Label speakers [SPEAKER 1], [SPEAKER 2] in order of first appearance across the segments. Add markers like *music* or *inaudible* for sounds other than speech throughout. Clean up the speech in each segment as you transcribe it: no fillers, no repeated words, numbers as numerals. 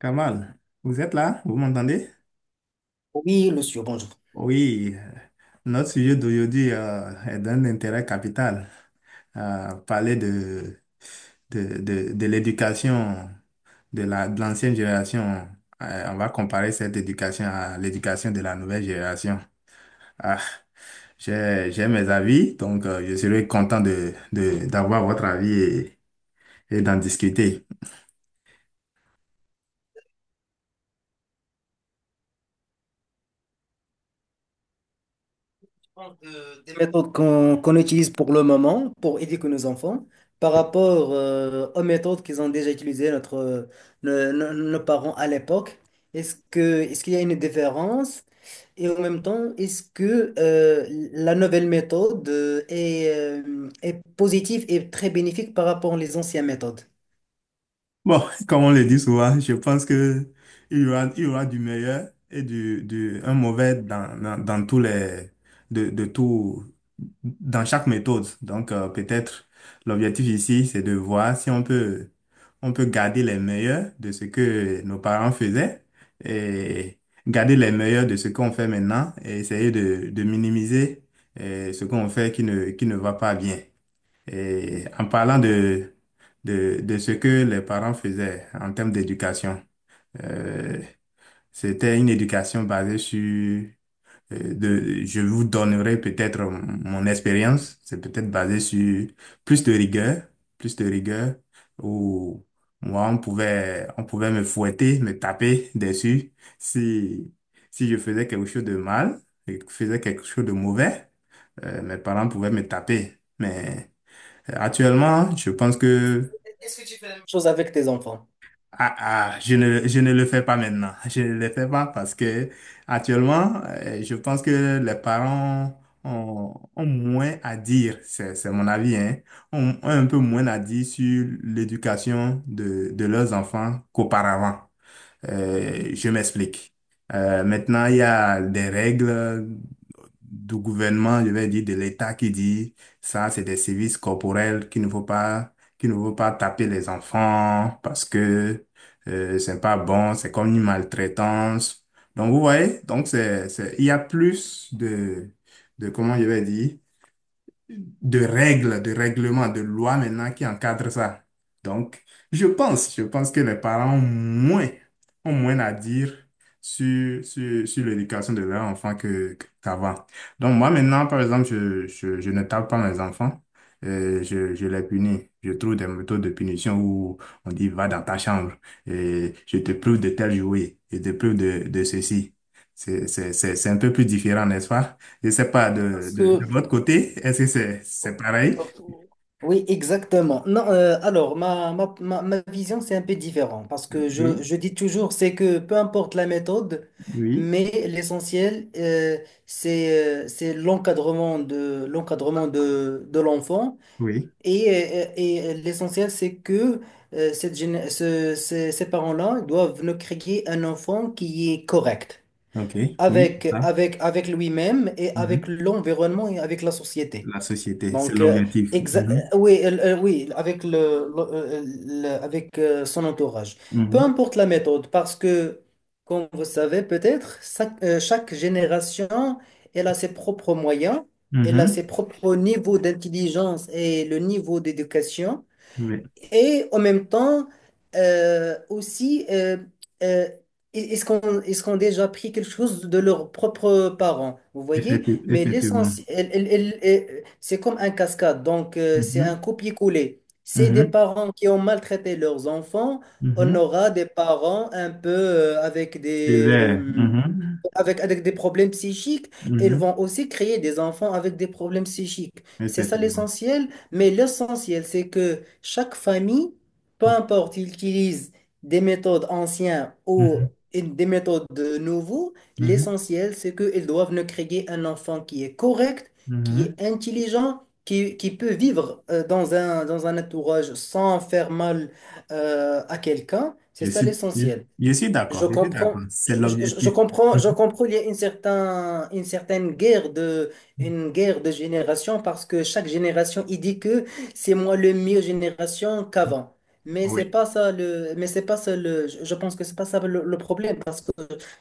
[SPEAKER 1] Kamal, vous êtes là? Vous m'entendez?
[SPEAKER 2] Oui, le sûr, bonjour.
[SPEAKER 1] Oui, notre sujet d'aujourd'hui est d'un intérêt capital. Parler de l'éducation de de l'ancienne génération. On va comparer cette éducation à l'éducation de la nouvelle génération. Ah, j'ai mes avis, donc je serais content d'avoir votre avis et d'en discuter.
[SPEAKER 2] Des méthodes qu'on utilise pour le moment pour éduquer nos enfants par rapport aux méthodes qu'ils ont déjà utilisées nos parents à l'époque. Est-ce qu'il y a une différence? Et en même temps, est-ce que la nouvelle méthode est, est positive et très bénéfique par rapport aux anciennes méthodes?
[SPEAKER 1] Bon, *laughs* comme on le dit souvent, je pense que il y aura du meilleur et du un mauvais dans tous les de tout dans chaque méthode. Donc peut-être l'objectif ici, c'est de voir si on peut garder les meilleurs de ce que nos parents faisaient et garder les meilleurs de ce qu'on fait maintenant et essayer de minimiser ce qu'on fait qui ne va pas bien. Et en parlant de ce que les parents faisaient en termes d'éducation, euh, c'était une éducation basée sur, je vous donnerai peut-être mon expérience, c'est peut-être basé sur plus de rigueur, plus de rigueur, où moi, on pouvait me fouetter, me taper dessus si, si je faisais quelque chose de mal, et faisais quelque chose de mauvais, mes parents pouvaient me taper. Mais actuellement, je pense que
[SPEAKER 2] Est-ce que tu fais la même chose avec tes enfants?
[SPEAKER 1] ah, je ne le fais pas maintenant. *laughs* Je ne le fais pas parce que actuellement, je pense que les parents ont moins à dire, c'est mon avis, hein, ont un peu moins à dire sur l'éducation de leurs enfants qu'auparavant. Je m'explique. Maintenant, il y a des règles du gouvernement, je vais dire de l'État, qui dit ça, c'est des services corporels, qu'il ne faut pas, qu'il ne faut pas taper les enfants parce que c'est pas bon, c'est comme une maltraitance. Donc vous voyez, donc il y a plus de, comment je vais dire, de règles, de règlements, de lois maintenant qui encadrent ça. Donc, je pense que les parents ont moins à dire sur l'éducation de leur enfant que, qu'avant. Donc, moi maintenant, par exemple, je ne tape pas mes enfants. Je les punis. Je trouve des méthodes de punition où on dit va dans ta chambre et je te prive de tel jouet, je te prive de ceci. C'est un peu plus différent, n'est-ce pas? Je ne sais pas,
[SPEAKER 2] Parce
[SPEAKER 1] de
[SPEAKER 2] que
[SPEAKER 1] votre côté, est-ce que c'est
[SPEAKER 2] oh,
[SPEAKER 1] pareil?
[SPEAKER 2] oh, oh. Oui, exactement. Non, alors, ma vision, c'est un peu différent parce que
[SPEAKER 1] Oui,
[SPEAKER 2] je dis toujours, c'est que peu importe la méthode,
[SPEAKER 1] oui,
[SPEAKER 2] mais l'essentiel, c'est l'encadrement de l'enfant
[SPEAKER 1] oui.
[SPEAKER 2] et, et l'essentiel, c'est que cette, géné- ce- ces, ces parents-là doivent nous créer un enfant qui est correct
[SPEAKER 1] OK, oui, c'est
[SPEAKER 2] avec,
[SPEAKER 1] ça.
[SPEAKER 2] avec, avec lui-même et avec
[SPEAKER 1] Mhm.
[SPEAKER 2] l'environnement et avec la société.
[SPEAKER 1] La société, c'est
[SPEAKER 2] Donc,
[SPEAKER 1] l'objectif.
[SPEAKER 2] exa-
[SPEAKER 1] Mhm,
[SPEAKER 2] oui, oui, avec son entourage. Peu
[SPEAKER 1] mhm,
[SPEAKER 2] importe la méthode, parce que, comme vous savez peut-être, chaque génération, elle a ses propres moyens, elle a
[SPEAKER 1] mhm.
[SPEAKER 2] ses propres niveaux d'intelligence et le niveau d'éducation.
[SPEAKER 1] Oui,
[SPEAKER 2] Et en même temps, euh, aussi, euh, euh, est-ce qu'on a déjà appris quelque chose de leurs propres parents, vous voyez? Mais
[SPEAKER 1] effectivement.
[SPEAKER 2] l'essentiel, c'est comme un cascade, donc c'est un
[SPEAKER 1] Mhm,
[SPEAKER 2] copier-coller. C'est des
[SPEAKER 1] mhm,
[SPEAKER 2] parents qui ont maltraité leurs enfants, on
[SPEAKER 1] mhm.
[SPEAKER 2] aura des parents un peu
[SPEAKER 1] C'est vrai. Mhm,
[SPEAKER 2] avec des problèmes psychiques, elles
[SPEAKER 1] mhm.
[SPEAKER 2] vont aussi créer des enfants avec des problèmes psychiques. C'est ça
[SPEAKER 1] Effectivement.
[SPEAKER 2] l'essentiel, mais l'essentiel, c'est que chaque famille, peu importe, ils utilisent des méthodes anciennes ou
[SPEAKER 1] Mhm,
[SPEAKER 2] des méthodes de nouveau,
[SPEAKER 1] mhm,
[SPEAKER 2] l'essentiel, c'est qu'ils doivent ne créer un enfant qui est correct, qui est
[SPEAKER 1] mhm.
[SPEAKER 2] intelligent, qui peut vivre dans un entourage sans faire mal à quelqu'un. C'est
[SPEAKER 1] Je
[SPEAKER 2] ça
[SPEAKER 1] suis, je,
[SPEAKER 2] l'essentiel.
[SPEAKER 1] je suis
[SPEAKER 2] Je
[SPEAKER 1] d'accord, je suis d'accord.
[SPEAKER 2] comprends,
[SPEAKER 1] C'est
[SPEAKER 2] je
[SPEAKER 1] l'objectif.
[SPEAKER 2] comprends,
[SPEAKER 1] Mhm,
[SPEAKER 2] je comprends, il y a une certaine guerre de, une guerre de génération parce que chaque génération, il dit que c'est moi le mieux génération
[SPEAKER 1] mhm.
[SPEAKER 2] qu'avant. Mais c'est
[SPEAKER 1] Oui.
[SPEAKER 2] pas ça le, mais c'est pas ça le, je pense que c'est pas ça le problème parce que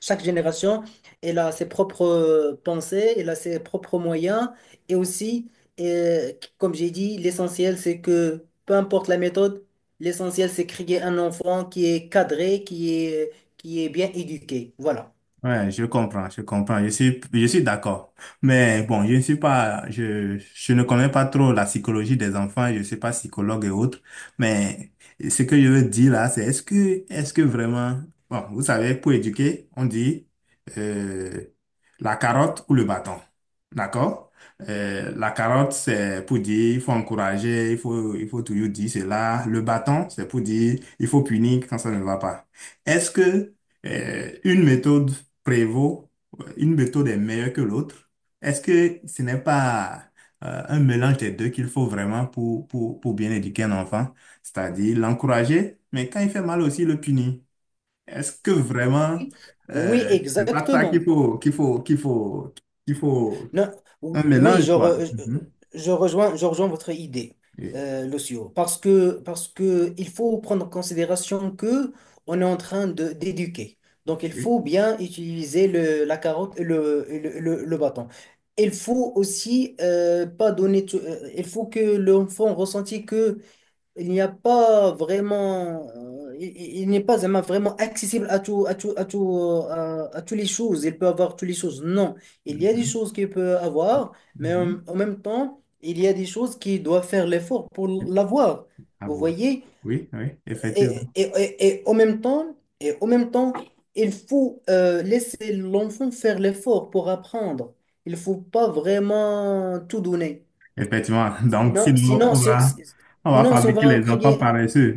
[SPEAKER 2] chaque génération, elle a ses propres pensées, elle a ses propres moyens et aussi, euh, comme j'ai dit, l'essentiel c'est que peu importe la méthode, l'essentiel c'est créer un enfant qui est cadré, qui est bien éduqué. Voilà.
[SPEAKER 1] Ouais, je comprends, je comprends, je suis d'accord. Mais bon, je ne connais pas trop la psychologie des enfants, je ne suis pas psychologue et autres. Mais ce que je veux dire là, c'est est-ce que vraiment, bon, vous savez, pour éduquer, on dit euh, la carotte ou le bâton, d'accord? La carotte, c'est pour dire, il faut encourager, il faut toujours dire cela. Le bâton, c'est pour dire, il faut punir quand ça ne va pas. Est-ce que une méthode prévaut, une méthode est meilleure que l'autre? Est-ce que ce n'est pas un mélange des deux qu'il faut vraiment pour bien éduquer un enfant? C'est-à-dire l'encourager, mais quand il fait mal aussi, le punir. Est-ce que vraiment
[SPEAKER 2] Oui,
[SPEAKER 1] c'est pas ça
[SPEAKER 2] exactement.
[SPEAKER 1] qu'il faut
[SPEAKER 2] Non,
[SPEAKER 1] un
[SPEAKER 2] oui,
[SPEAKER 1] mélange, quoi? Mhm.
[SPEAKER 2] je rejoins votre idée,
[SPEAKER 1] Oui,
[SPEAKER 2] Lucio, parce que il faut prendre en considération que on est en train de d'éduquer. Donc, il
[SPEAKER 1] oui.
[SPEAKER 2] faut bien utiliser le, la carotte et le bâton. Il faut aussi pas donner il faut que l'enfant ressente que il n'y a pas vraiment, il n'est pas vraiment vraiment accessible à tout, à tout, à tout, à toutes les choses. Il peut avoir toutes les choses. Non, il y a des
[SPEAKER 1] Mhm.
[SPEAKER 2] choses qu'il peut avoir,
[SPEAKER 1] Mhm.
[SPEAKER 2] mais
[SPEAKER 1] mhm.
[SPEAKER 2] en même temps, il y a des choses qui doivent faire l'effort pour l'avoir.
[SPEAKER 1] À
[SPEAKER 2] Vous
[SPEAKER 1] voir.
[SPEAKER 2] voyez?
[SPEAKER 1] Oui, oui, effectivement.
[SPEAKER 2] Et en même temps, et en même temps, il faut laisser l'enfant faire l'effort pour apprendre. Il faut pas vraiment tout donner.
[SPEAKER 1] Effectivement. Donc, sinon,
[SPEAKER 2] Sinon,
[SPEAKER 1] on va
[SPEAKER 2] sinon, si on
[SPEAKER 1] fabriquer
[SPEAKER 2] va
[SPEAKER 1] les enfants
[SPEAKER 2] créer
[SPEAKER 1] paresseux.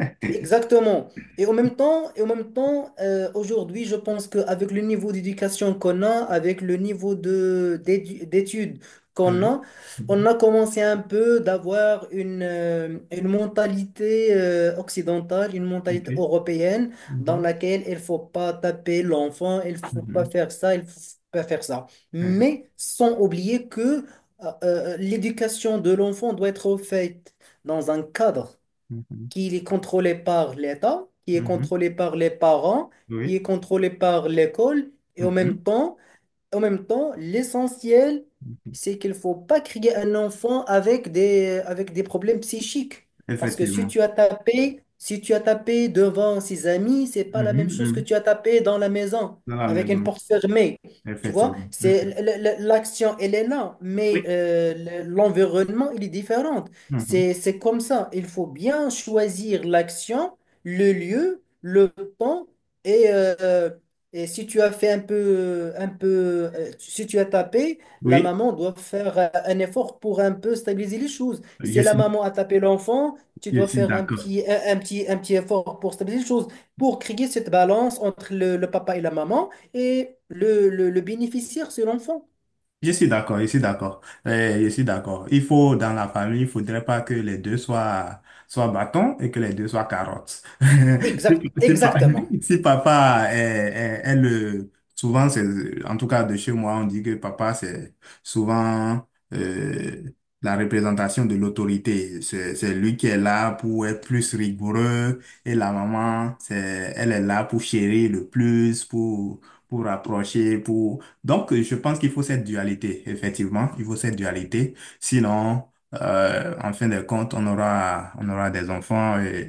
[SPEAKER 1] *laughs*
[SPEAKER 2] exactement. Et en même temps, et en même temps, aujourd'hui, je pense qu'avec le niveau d'éducation qu'on a, avec le niveau de d'études qu'on
[SPEAKER 1] Oui.
[SPEAKER 2] a, on
[SPEAKER 1] Mhm.
[SPEAKER 2] a commencé un peu d'avoir une mentalité occidentale, une mentalité
[SPEAKER 1] OK.
[SPEAKER 2] européenne, dans
[SPEAKER 1] Mhm.
[SPEAKER 2] laquelle il faut pas taper l'enfant, il faut pas
[SPEAKER 1] Mhm.
[SPEAKER 2] faire ça, il faut pas faire ça.
[SPEAKER 1] Oui.
[SPEAKER 2] Mais sans oublier que l'éducation de l'enfant doit être faite dans un cadre
[SPEAKER 1] Mhm.
[SPEAKER 2] qui est contrôlé par l'État, qui est
[SPEAKER 1] Mhm.
[SPEAKER 2] contrôlé par les parents, qui
[SPEAKER 1] Oui.
[SPEAKER 2] est contrôlé par l'école, et
[SPEAKER 1] Mhm.
[SPEAKER 2] en même temps, l'essentiel, c'est qu'il faut pas créer un enfant avec des problèmes psychiques. Parce que si
[SPEAKER 1] Effectivement.
[SPEAKER 2] tu as tapé, si tu as tapé devant ses amis, c'est pas la
[SPEAKER 1] Mhm.
[SPEAKER 2] même chose que
[SPEAKER 1] Mhm.
[SPEAKER 2] tu as tapé dans la maison
[SPEAKER 1] Dans la
[SPEAKER 2] avec une
[SPEAKER 1] maison.
[SPEAKER 2] porte fermée. Tu vois,
[SPEAKER 1] Effectivement.
[SPEAKER 2] c'est
[SPEAKER 1] Mhm.
[SPEAKER 2] l'action, elle est là, mais
[SPEAKER 1] Oui.
[SPEAKER 2] l'environnement, il est différent.
[SPEAKER 1] Mhm.
[SPEAKER 2] C'est comme ça. Il faut bien choisir l'action, le lieu, le temps et euh, et si tu as fait un peu, si tu as tapé, la
[SPEAKER 1] Oui.
[SPEAKER 2] maman doit faire un effort pour un peu stabiliser les choses.
[SPEAKER 1] Je
[SPEAKER 2] Si la
[SPEAKER 1] suis,
[SPEAKER 2] maman a tapé l'enfant, tu
[SPEAKER 1] je
[SPEAKER 2] dois
[SPEAKER 1] suis
[SPEAKER 2] faire un
[SPEAKER 1] d'accord.
[SPEAKER 2] petit, un petit, un petit effort pour stabiliser les choses, pour créer cette balance entre le papa et la maman et le bénéficiaire, c'est l'enfant.
[SPEAKER 1] Je suis d'accord, je suis d'accord. Je suis d'accord. Il faut, dans la famille, il faudrait pas que les deux soient, soient bâtons et que les deux soient carottes. *laughs*
[SPEAKER 2] Exact,
[SPEAKER 1] Si, si pa-
[SPEAKER 2] exactement.
[SPEAKER 1] *laughs* Si papa est le, souvent c'est, en tout cas de chez moi, on dit que papa c'est souvent, euh, la représentation de l'autorité. C'est lui qui est là pour être plus rigoureux et la maman, c'est, elle est là pour chérir le plus, pour rapprocher, pour, donc, je pense qu'il faut cette dualité, effectivement. Il faut cette dualité. Sinon, en fin de compte, on aura des enfants. euh,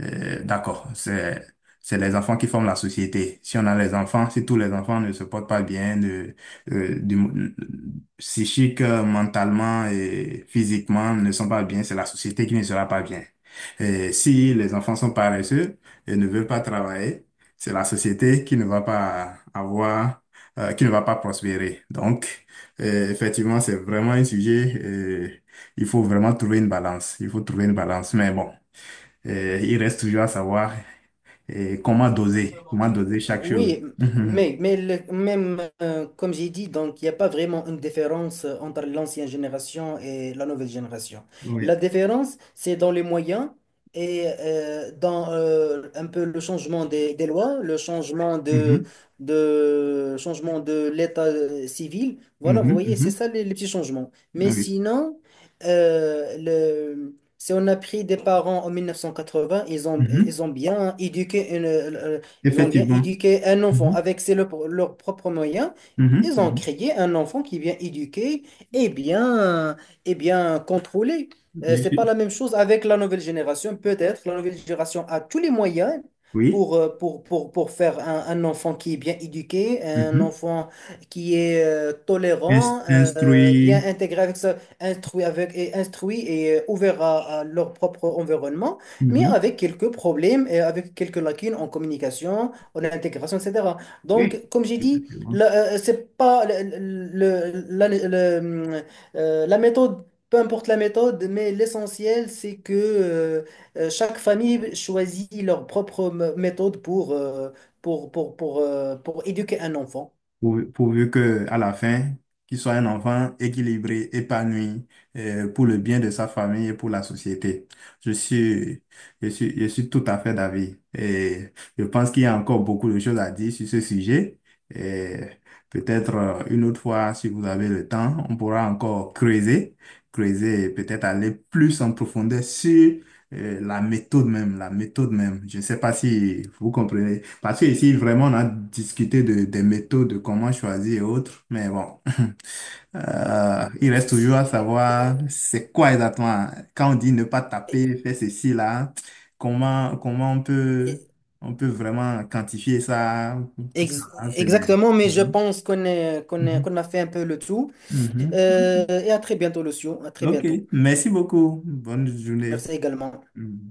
[SPEAKER 1] euh, D'accord, c'est les enfants qui forment la société. Si on a les enfants, si tous les enfants ne se portent pas bien, euh, du, psychique, mentalement et physiquement ne sont pas bien, c'est la société qui ne sera pas bien. Et si les enfants sont paresseux et ne veulent pas travailler, c'est la société qui ne va pas avoir, qui ne va pas prospérer. Donc, effectivement, c'est vraiment un sujet, il faut vraiment trouver une balance. Il faut trouver une balance. Mais bon. Il reste toujours à savoir comment doser chaque chose.
[SPEAKER 2] Oui,
[SPEAKER 1] Mhm.
[SPEAKER 2] mais même comme j'ai dit, donc il n'y a pas vraiment une différence entre l'ancienne génération et la nouvelle génération.
[SPEAKER 1] Oui.
[SPEAKER 2] La différence, c'est dans les moyens et dans un peu le changement des lois, le changement
[SPEAKER 1] Mhm.
[SPEAKER 2] de changement de l'état civil. Voilà, vous
[SPEAKER 1] Mhm.
[SPEAKER 2] voyez, c'est
[SPEAKER 1] Mhm.
[SPEAKER 2] ça les petits changements.
[SPEAKER 1] Ah
[SPEAKER 2] Mais
[SPEAKER 1] oui.
[SPEAKER 2] sinon, le, si on a pris des parents en 1980,
[SPEAKER 1] Mhm.
[SPEAKER 2] ils ont bien éduqué une, ils ont bien
[SPEAKER 1] Effectivement.
[SPEAKER 2] éduqué un enfant
[SPEAKER 1] Mhm.
[SPEAKER 2] avec ses, leurs leurs propres moyens. Ils ont
[SPEAKER 1] Mhm.
[SPEAKER 2] créé un enfant qui est bien éduqué et bien, et bien contrôlé.
[SPEAKER 1] Mhm. Je
[SPEAKER 2] C'est pas
[SPEAKER 1] suis-
[SPEAKER 2] la même chose avec la nouvelle génération. Peut-être la nouvelle génération a tous les moyens
[SPEAKER 1] Oui.
[SPEAKER 2] pour, pour faire un enfant qui est bien éduqué, un
[SPEAKER 1] Mhm.
[SPEAKER 2] enfant qui est tolérant, bien
[SPEAKER 1] Instruire.
[SPEAKER 2] intégré avec ça, instruit avec et instruit et ouvert à leur propre environnement mais
[SPEAKER 1] Mhm.
[SPEAKER 2] avec quelques problèmes et avec quelques lacunes en communication, en intégration, etc. Donc,
[SPEAKER 1] Oui.
[SPEAKER 2] comme j'ai dit, c'est pas la méthode, peu importe la méthode, mais l'essentiel, c'est que chaque famille choisit leur propre méthode pour, pour éduquer un enfant.
[SPEAKER 1] Pourvu, pourvu que, à la fin, qu'il soit un enfant équilibré, épanoui, pour le bien de sa famille et pour la société. Je suis, je suis tout à fait d'avis. Et je pense qu'il y a encore beaucoup de choses à dire sur ce sujet. Et peut-être une autre fois, si vous avez le temps, on pourra encore creuser, creuser et peut-être aller plus en profondeur sur la méthode même, la méthode même. Je ne sais pas si vous comprenez. Parce que ici, vraiment, on a discuté des méthodes, de comment choisir et autres. Mais bon, *laughs*
[SPEAKER 2] Pas
[SPEAKER 1] il
[SPEAKER 2] de
[SPEAKER 1] reste toujours
[SPEAKER 2] souci.
[SPEAKER 1] à
[SPEAKER 2] Et après,
[SPEAKER 1] savoir c'est quoi exactement. Quand on dit ne pas taper, faire ceci, là, comment on peut vraiment quantifier ça, tout ça.
[SPEAKER 2] ex-
[SPEAKER 1] Là, c'est des-
[SPEAKER 2] exactement, mais je
[SPEAKER 1] Mhm,
[SPEAKER 2] pense
[SPEAKER 1] mhm,
[SPEAKER 2] qu'on a fait un peu le tout.
[SPEAKER 1] mhm.
[SPEAKER 2] Et à très bientôt, Lucio. À très
[SPEAKER 1] Ok. Ok.
[SPEAKER 2] bientôt.
[SPEAKER 1] Merci beaucoup. Bonne journée.
[SPEAKER 2] Merci également.
[SPEAKER 1] Mm.